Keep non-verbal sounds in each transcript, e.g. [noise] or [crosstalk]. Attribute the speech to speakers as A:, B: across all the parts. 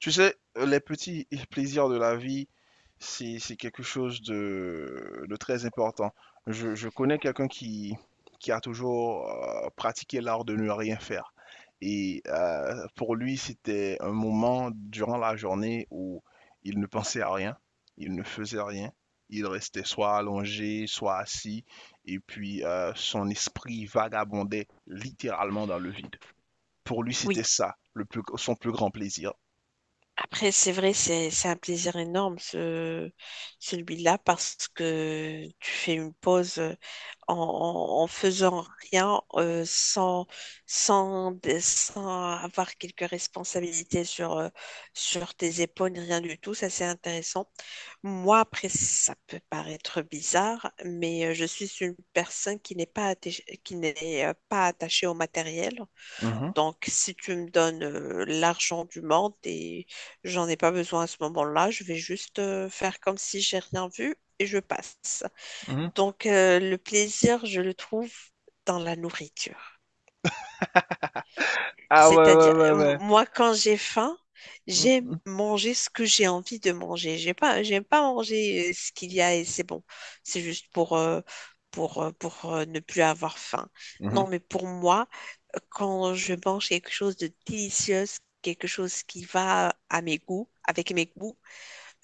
A: Tu sais, les petits plaisirs de la vie, c'est quelque chose de très important. Je connais quelqu'un qui a toujours pratiqué l'art de ne rien faire. Et pour lui, c'était un moment durant la journée où il ne pensait à rien, il ne faisait rien, il restait soit allongé, soit assis, et puis son esprit vagabondait littéralement dans le vide. Pour lui, c'était
B: Oui,
A: ça, le son plus grand plaisir.
B: après, c'est vrai, c'est un plaisir énorme, ce, celui-là, parce que tu fais une pause en faisant rien, sans avoir quelques responsabilités sur, sur tes épaules, ni rien du tout. Ça, c'est intéressant. Moi, après, ça peut paraître bizarre, mais je suis une personne qui n'est pas attachée au matériel.
A: Mhm.
B: Donc, si tu me donnes l'argent du monde et j'en ai pas besoin à ce moment-là, je vais juste faire comme si j'ai rien vu et je passe.
A: Mhm.
B: Donc, le plaisir, je le trouve dans la nourriture.
A: Ah ouais, ouais,
B: C'est-à-dire,
A: ouais, ouais.
B: moi, quand j'ai faim,
A: Mhm,
B: j'aime
A: mhm,
B: manger ce que j'ai envie de manger. J'ai pas, j'aime pas manger ce qu'il y a et c'est bon. C'est juste pour ne plus avoir faim.
A: mhm.
B: Non, mais pour moi, quand je mange quelque chose de délicieux, quelque chose qui va à mes goûts, avec mes goûts,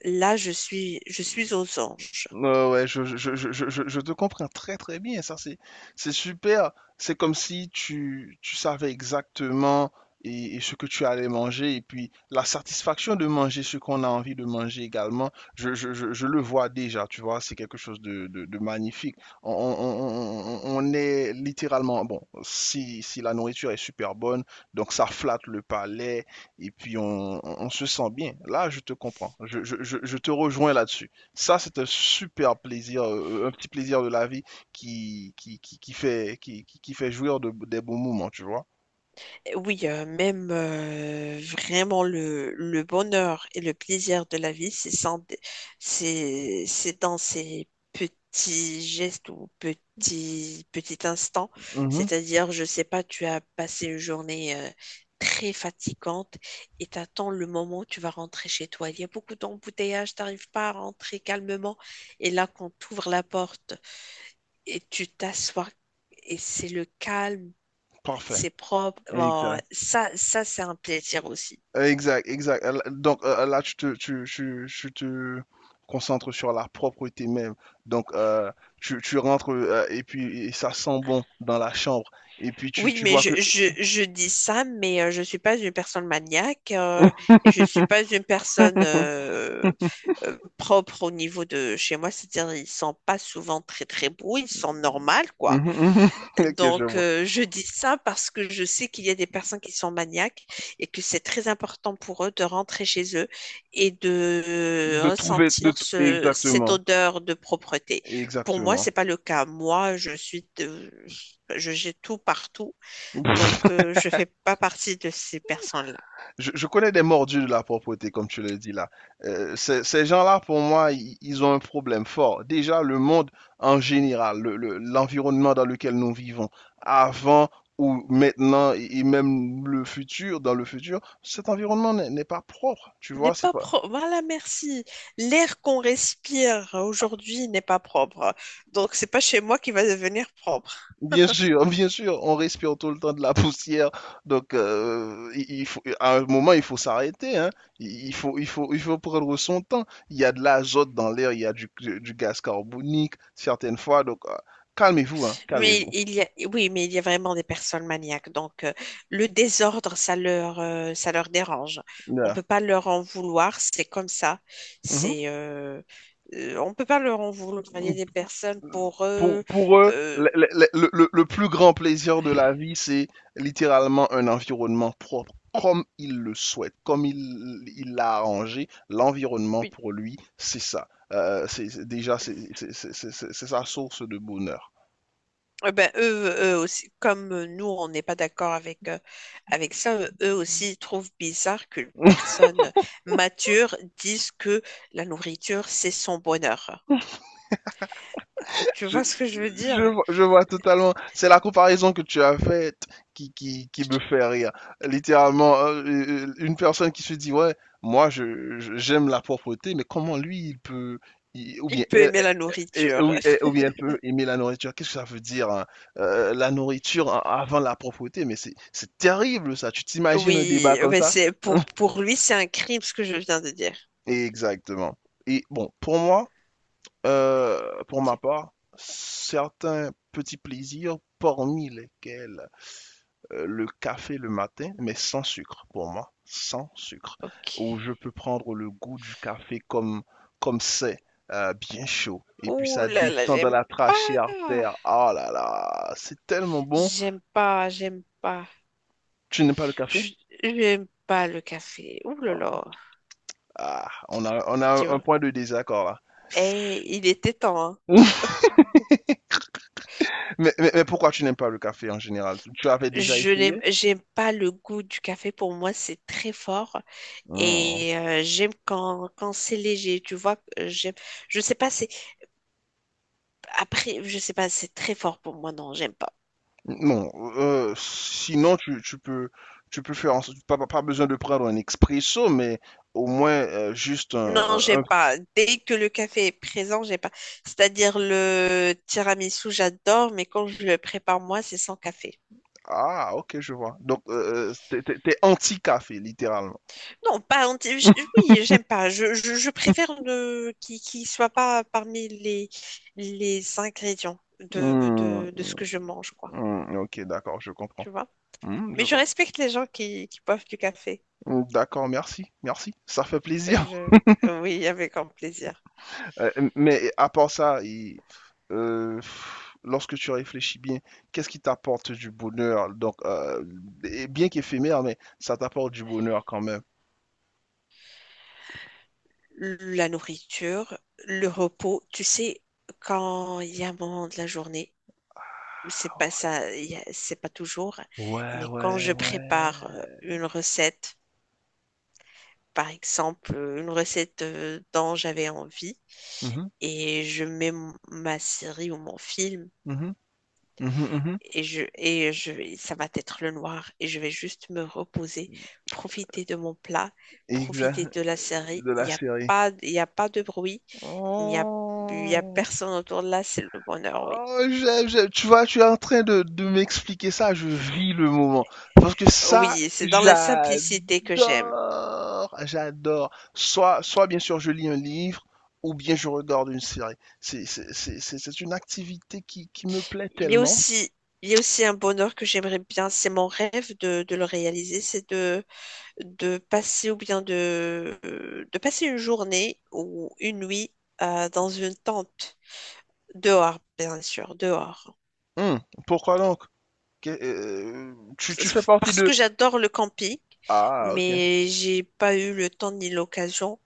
B: là, je suis aux anges.
A: Ouais, ouais, je te comprends très très bien, ça c'est super. C'est comme si tu, tu savais exactement et ce que tu allais manger et puis la satisfaction de manger ce qu'on a envie de manger également, je le vois déjà, tu vois, c'est quelque chose de magnifique. On est littéralement, bon, si, si la nourriture est super bonne, donc ça flatte le palais et puis on se sent bien. Là, je te comprends, je te rejoins là-dessus. Ça, c'est un super plaisir, un petit plaisir de la vie qui fait, qui fait jouir de, des bons moments, tu vois.
B: Oui, même vraiment le bonheur et le plaisir de la vie, c'est sans- c'est dans ces petits gestes ou petits, petits instants.
A: Mhm.
B: C'est-à-dire, je sais pas, tu as passé une journée très fatigante et t'attends le moment où tu vas rentrer chez toi. Il y a beaucoup d'embouteillages, t'arrives pas à rentrer calmement. Et là, quand tu ouvres la porte et tu t'assois, et c'est le calme,
A: Parfait.
B: c'est propre. Bon,
A: Exact.
B: ça c'est un plaisir aussi.
A: Exact, exact. Donc là, tu te concentres sur la propreté même. Donc, tu, tu rentres et puis et ça sent bon dans la chambre. Et puis, tu,
B: Oui,
A: tu
B: mais
A: vois que...
B: je dis ça, mais je suis pas une personne maniaque et je suis pas une personne propre au niveau de chez moi. C'est-à-dire, ils ne sont pas souvent très, très beaux, ils sont normaux, quoi.
A: Mhm, mhm. [laughs] Ok, je
B: Donc,
A: vois.
B: je dis ça parce que je sais qu'il y a des personnes qui sont maniaques et que c'est très important pour eux de rentrer chez eux et de
A: De trouver... De...
B: ressentir cette
A: Exactement.
B: odeur de propreté. Pour moi,
A: Exactement.
B: c'est pas le cas. Moi, je suis, de- Je jette tout partout,
A: [laughs]
B: donc je fais pas partie de ces personnes-là.
A: Je connais des mordus de la propreté, comme tu le dis là. Ces gens-là, pour moi, ils ont un problème fort. Déjà, le monde en général, l'environnement dans lequel nous vivons, avant ou maintenant, et même le futur, dans le futur, cet environnement n'est pas propre. Tu
B: N'est
A: vois, c'est
B: pas
A: pas,
B: propre. Voilà, merci. L'air qu'on respire aujourd'hui n'est pas propre. Donc, c'est pas chez moi qui va devenir propre.
A: bien sûr, [laughs] bien sûr, on respire tout le temps de la poussière, donc il faut, à un moment il faut s'arrêter, hein. Il faut, il faut, il faut prendre son temps. Il y a de l'azote dans l'air, il y a du gaz carbonique certaines fois, donc calmez-vous, hein,
B: Mais
A: calmez-vous.
B: il y a, oui, mais il y a vraiment des personnes maniaques. Donc, le désordre, ça leur dérange. On peut
A: Voilà.
B: pas leur en vouloir. C'est comme ça.
A: Mhm.
B: C'est, euh, on peut pas leur en vouloir. Il y a des personnes pour eux,
A: Pour eux,
B: euh,
A: le plus grand plaisir de la vie, c'est littéralement un environnement propre, comme il le souhaite, comme il l'a arrangé. L'environnement,
B: une-
A: pour lui, c'est ça. Déjà, c'est sa source de bonheur.
B: eh ben, eux aussi, comme nous, on n'est pas d'accord avec, avec ça, eux aussi ils trouvent bizarre qu'une
A: [laughs]
B: personne mature dise que la nourriture, c'est son bonheur. Tu
A: Je,
B: vois ce que je veux
A: je,
B: dire?
A: vois- je vois totalement. C'est la comparaison que tu as faite qui me fait rire. Littéralement, une personne qui se dit, ouais, moi, j'aime la propreté, mais comment lui, il peut, ou
B: Il
A: bien
B: peut
A: elle,
B: aimer
A: et
B: la nourriture.
A: et
B: [laughs]
A: oui, elle peut aimer la nourriture. Qu'est-ce que ça veut dire, hein. La nourriture avant la propreté, mais c'est terrible ça. Tu t'imagines un débat
B: Oui,
A: comme
B: mais
A: ça?
B: c'est
A: [laughs]
B: pour lui, c'est un crime ce que je viens de dire.
A: Exactement. Et bon, pour moi, pour ma
B: C'est-
A: part, certains petits plaisirs, parmi lesquels le café le matin, mais sans sucre pour moi, sans sucre,
B: Ok.
A: où je peux prendre le goût du café comme comme c'est, bien chaud, et puis
B: Ouh
A: ça
B: là là,
A: descend dans
B: j'aime
A: la
B: pas.
A: trachée artère. Oh là là, c'est tellement bon.
B: J'aime pas, j'aime pas.
A: Tu n'aimes pas le café?
B: Je j'aime pas le café. Ouh là
A: Ah,
B: là,
A: ah, on a
B: tu
A: un
B: vois.
A: point de désaccord là.
B: Et il était temps, hein.
A: [laughs] Mais pourquoi tu n'aimes pas le café en général? Tu avais déjà essayé?
B: J'aime pas le goût du café. Pour moi, c'est très fort.
A: Hmm.
B: Et j'aime quand c'est léger, tu vois. J'aime, je sais pas, c'est, après, je sais pas, c'est très fort pour moi. Non, j'aime pas.
A: Non, sinon tu, tu peux faire en pas, pas pas besoin de prendre un expresso, mais au moins juste un,
B: Non, j'aime pas. Dès que le café est présent, j'aime pas. C'est-à-dire le tiramisu, j'adore, mais quand je le prépare moi, c'est sans café.
A: ah, ok, je vois. Donc t'es, t'es anti-café, littéralement.
B: Non, pas anti. Oui, j'aime pas. Je préfère ne... qu'il soit pas parmi les ingrédients
A: Hmm,
B: de ce que je mange, quoi.
A: hmm, ok, d'accord, je comprends.
B: Tu vois?
A: Hmm, je
B: Mais je
A: vois.
B: respecte les gens qui boivent du café.
A: Hmm, d'accord, merci, merci, ça fait plaisir. [laughs]
B: Je... Oui, avec grand plaisir.
A: Mais à part ça, euh, lorsque tu réfléchis bien, qu'est-ce qui t'apporte du bonheur? Donc, et bien qu'éphémère, mais ça t'apporte du bonheur quand même.
B: La nourriture, le repos, tu sais, quand il y a un moment de la journée c'est pas ça, c'est pas toujours,
A: Ouais,
B: mais quand
A: ouais,
B: je
A: ouais.
B: prépare une recette, par exemple, une recette dont j'avais envie,
A: Mhm,
B: et je mets ma série ou mon film,
A: mhm, mhm, mhm. Mmh mh. Mmh.
B: ça va être le noir, et je vais juste me reposer, profiter de mon plat, profiter
A: Exact,
B: de la série,
A: de la série.
B: il y a pas de bruit, il n'y a, il y a
A: Oh!
B: personne autour de là, c'est le bonheur, oui.
A: Oh, j'aime, j'aime. Tu vois, tu es en train de m'expliquer ça, je vis le moment. Parce que ça,
B: Oui, c'est dans la simplicité que j'aime.
A: j'adore! J'adore. Soit soit bien sûr je lis un livre ou bien je regarde une série. C'est une activité qui me plaît
B: Il y a
A: tellement.
B: aussi, il y a aussi un bonheur que j'aimerais bien, c'est mon rêve de le réaliser, de passer ou bien de passer une journée ou une nuit dans une tente, dehors, bien sûr, dehors.
A: Mmh, pourquoi donc? Qu'est tu tu fais
B: [laughs]
A: partie
B: Parce
A: de
B: que j'adore le camping,
A: ah OK.
B: mais j'ai pas eu le temps ni l'occasion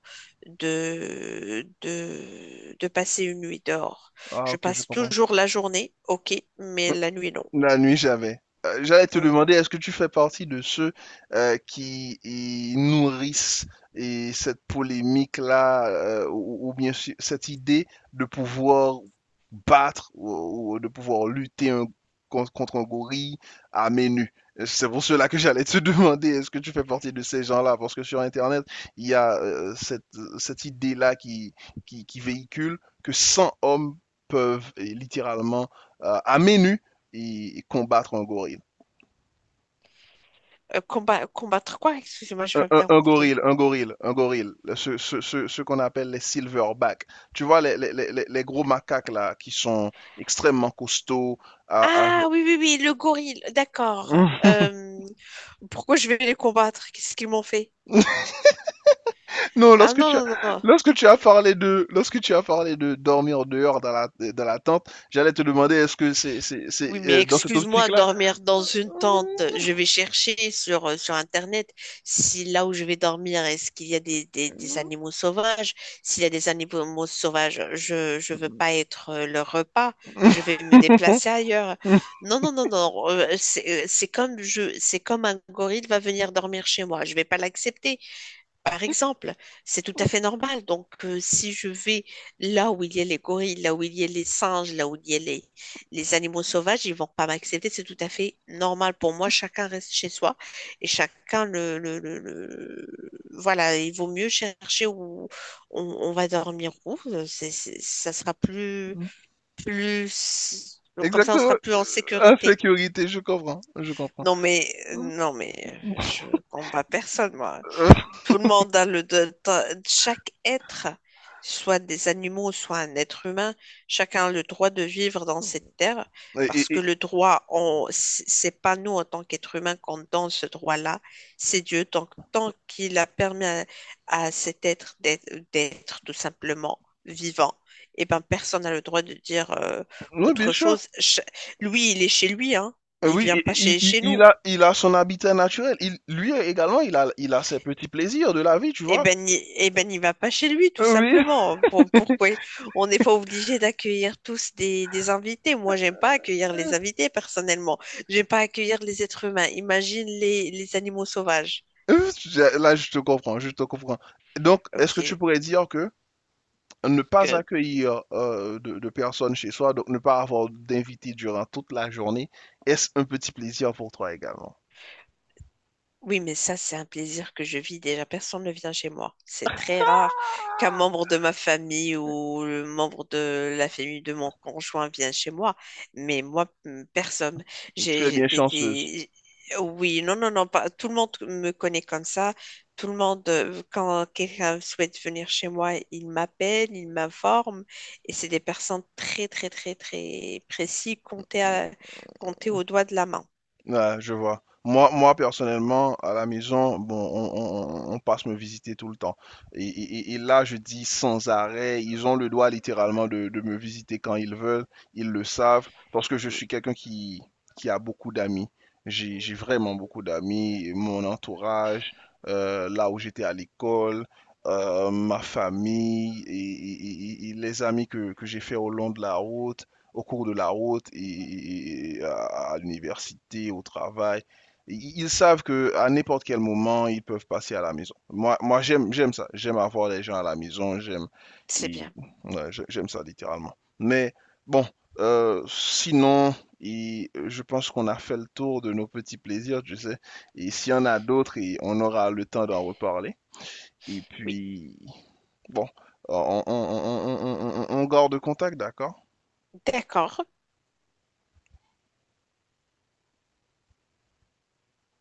B: de passer une nuit dehors.
A: Ah
B: Je
A: OK, je
B: passe
A: comprends.
B: toujours la journée, ok, mais la nuit, non.
A: La nuit, jamais. J'allais te
B: Mhm.
A: demander, est-ce que tu fais partie de ceux qui y nourrissent et cette polémique-là, ou bien sûr, cette idée de pouvoir battre ou de pouvoir lutter contre un gorille à main nue? C'est pour cela que j'allais te [laughs] demander, est-ce que tu fais partie de ces gens-là? Parce que sur Internet, il y a cette, cette idée-là qui véhicule que 100 hommes peuvent littéralement, à main nue, et, combattre un gorille.
B: Combattre quoi? Excusez-moi, j'ai
A: Un,
B: pas
A: un,
B: bien
A: un,
B: compris.
A: gorille, un gorille, un gorille, ce qu'on appelle les silverback. Tu vois, gros macaques là, qui sont extrêmement costauds. À...
B: Ah oui, oui, oui, le gorille, d'accord.
A: [laughs]
B: Euh, pourquoi je vais les combattre? Qu'est-ce qu'ils m'ont fait?
A: non,
B: Ah non, non, non, non.
A: lorsque tu as parlé de, lorsque tu as parlé de dormir dehors dans la tente, j'allais te demander est-ce que c'est
B: Oui, mais
A: dans cette optique
B: excuse-moi,
A: là?
B: dormir dans une tente, je vais chercher sur, sur Internet si là où je vais dormir, est-ce qu'il y a des animaux sauvages? S'il y a des animaux sauvages, je veux pas être leur repas, je vais
A: [laughs]
B: me déplacer ailleurs. Non, non, non, non, c'est comme un gorille va venir dormir chez moi, je vais pas l'accepter. Par exemple, c'est tout à fait normal. Donc, si je vais là où il y a les gorilles, là où il y a les singes, là où il y a les animaux sauvages, ils vont pas m'accepter. C'est tout à fait normal pour moi. Chacun reste chez soi et chacun voilà, il vaut mieux chercher où on va dormir où. Ça sera plus, plus... Comme ça, on
A: Exactement.
B: sera plus en sécurité.
A: Insécurité, je comprends, je comprends.
B: Non, mais, non, mais je combats personne, moi.
A: [laughs]
B: Tout le monde a le de- ta- chaque être, soit des animaux, soit un être humain, chacun a le droit de vivre dans cette terre parce que
A: Et...
B: le droit, on, c'est pas nous en tant qu'être humain qu'on donne ce droit-là, c'est Dieu. Tant qu'il a permis à cet être d'être tout simplement vivant, et ben personne n'a le droit de dire
A: oui, bien
B: autre
A: sûr.
B: chose. Lui, il est chez lui, hein. Il
A: Oui,
B: vient pas chez nous.
A: il a son habitat naturel. Il, lui également, il a ses petits plaisirs de la vie, tu
B: Eh
A: vois.
B: ben, n'y va pas chez lui, tout
A: Oui. [laughs]
B: simplement. Pourquoi on n'est pas obligé d'accueillir tous des invités? Moi, j'aime pas accueillir les invités, personnellement. J'aime pas accueillir les êtres humains. Imagine les animaux sauvages.
A: Là, je te comprends, je te comprends. Donc, est-ce que tu
B: Ok.
A: pourrais dire que ne pas accueillir de personnes chez soi, donc ne pas avoir d'invités durant toute la journée, est-ce un petit plaisir pour toi également?
B: Oui, mais ça, c'est un plaisir que je vis déjà. Personne ne vient chez moi. C'est très rare qu'un membre de ma famille ou le membre de la famille de mon conjoint vienne chez moi. Mais moi, personne.
A: Tu es
B: J'ai
A: bien chanceuse.
B: des- Oui, non, non, non, pas... tout le monde me connaît comme ça. Tout le monde, quand quelqu'un souhaite venir chez moi, il m'appelle, il m'informe. Et c'est des personnes très, très, très, très précises, comptées au doigt de la main.
A: Ouais, je vois. Moi, moi, personnellement, à la maison, bon, passe me visiter tout le temps. Et, et là, je dis sans arrêt, ils ont le droit littéralement de me visiter quand ils veulent, ils le savent, parce que je
B: Oui,
A: suis quelqu'un qui a beaucoup d'amis. J'ai vraiment beaucoup d'amis, mon entourage, là où j'étais à l'école, ma famille et, et les amis que j'ai fait au long de la route au cours de la route et, à l'université, au travail. Ils savent que à n'importe quel moment, ils peuvent passer à la maison. Moi, moi j'aime, j'aime ça. J'aime avoir les gens à la maison. J'aime,
B: c'est
A: et,
B: bien.
A: ouais, j'aime ça littéralement. Mais bon, sinon, et, je pense qu'on a fait le tour de nos petits plaisirs, tu sais. Et s'il y en a d'autres, et on aura le temps d'en reparler. Et
B: Oui,
A: puis, bon, on garde contact, d'accord?
B: d'accord.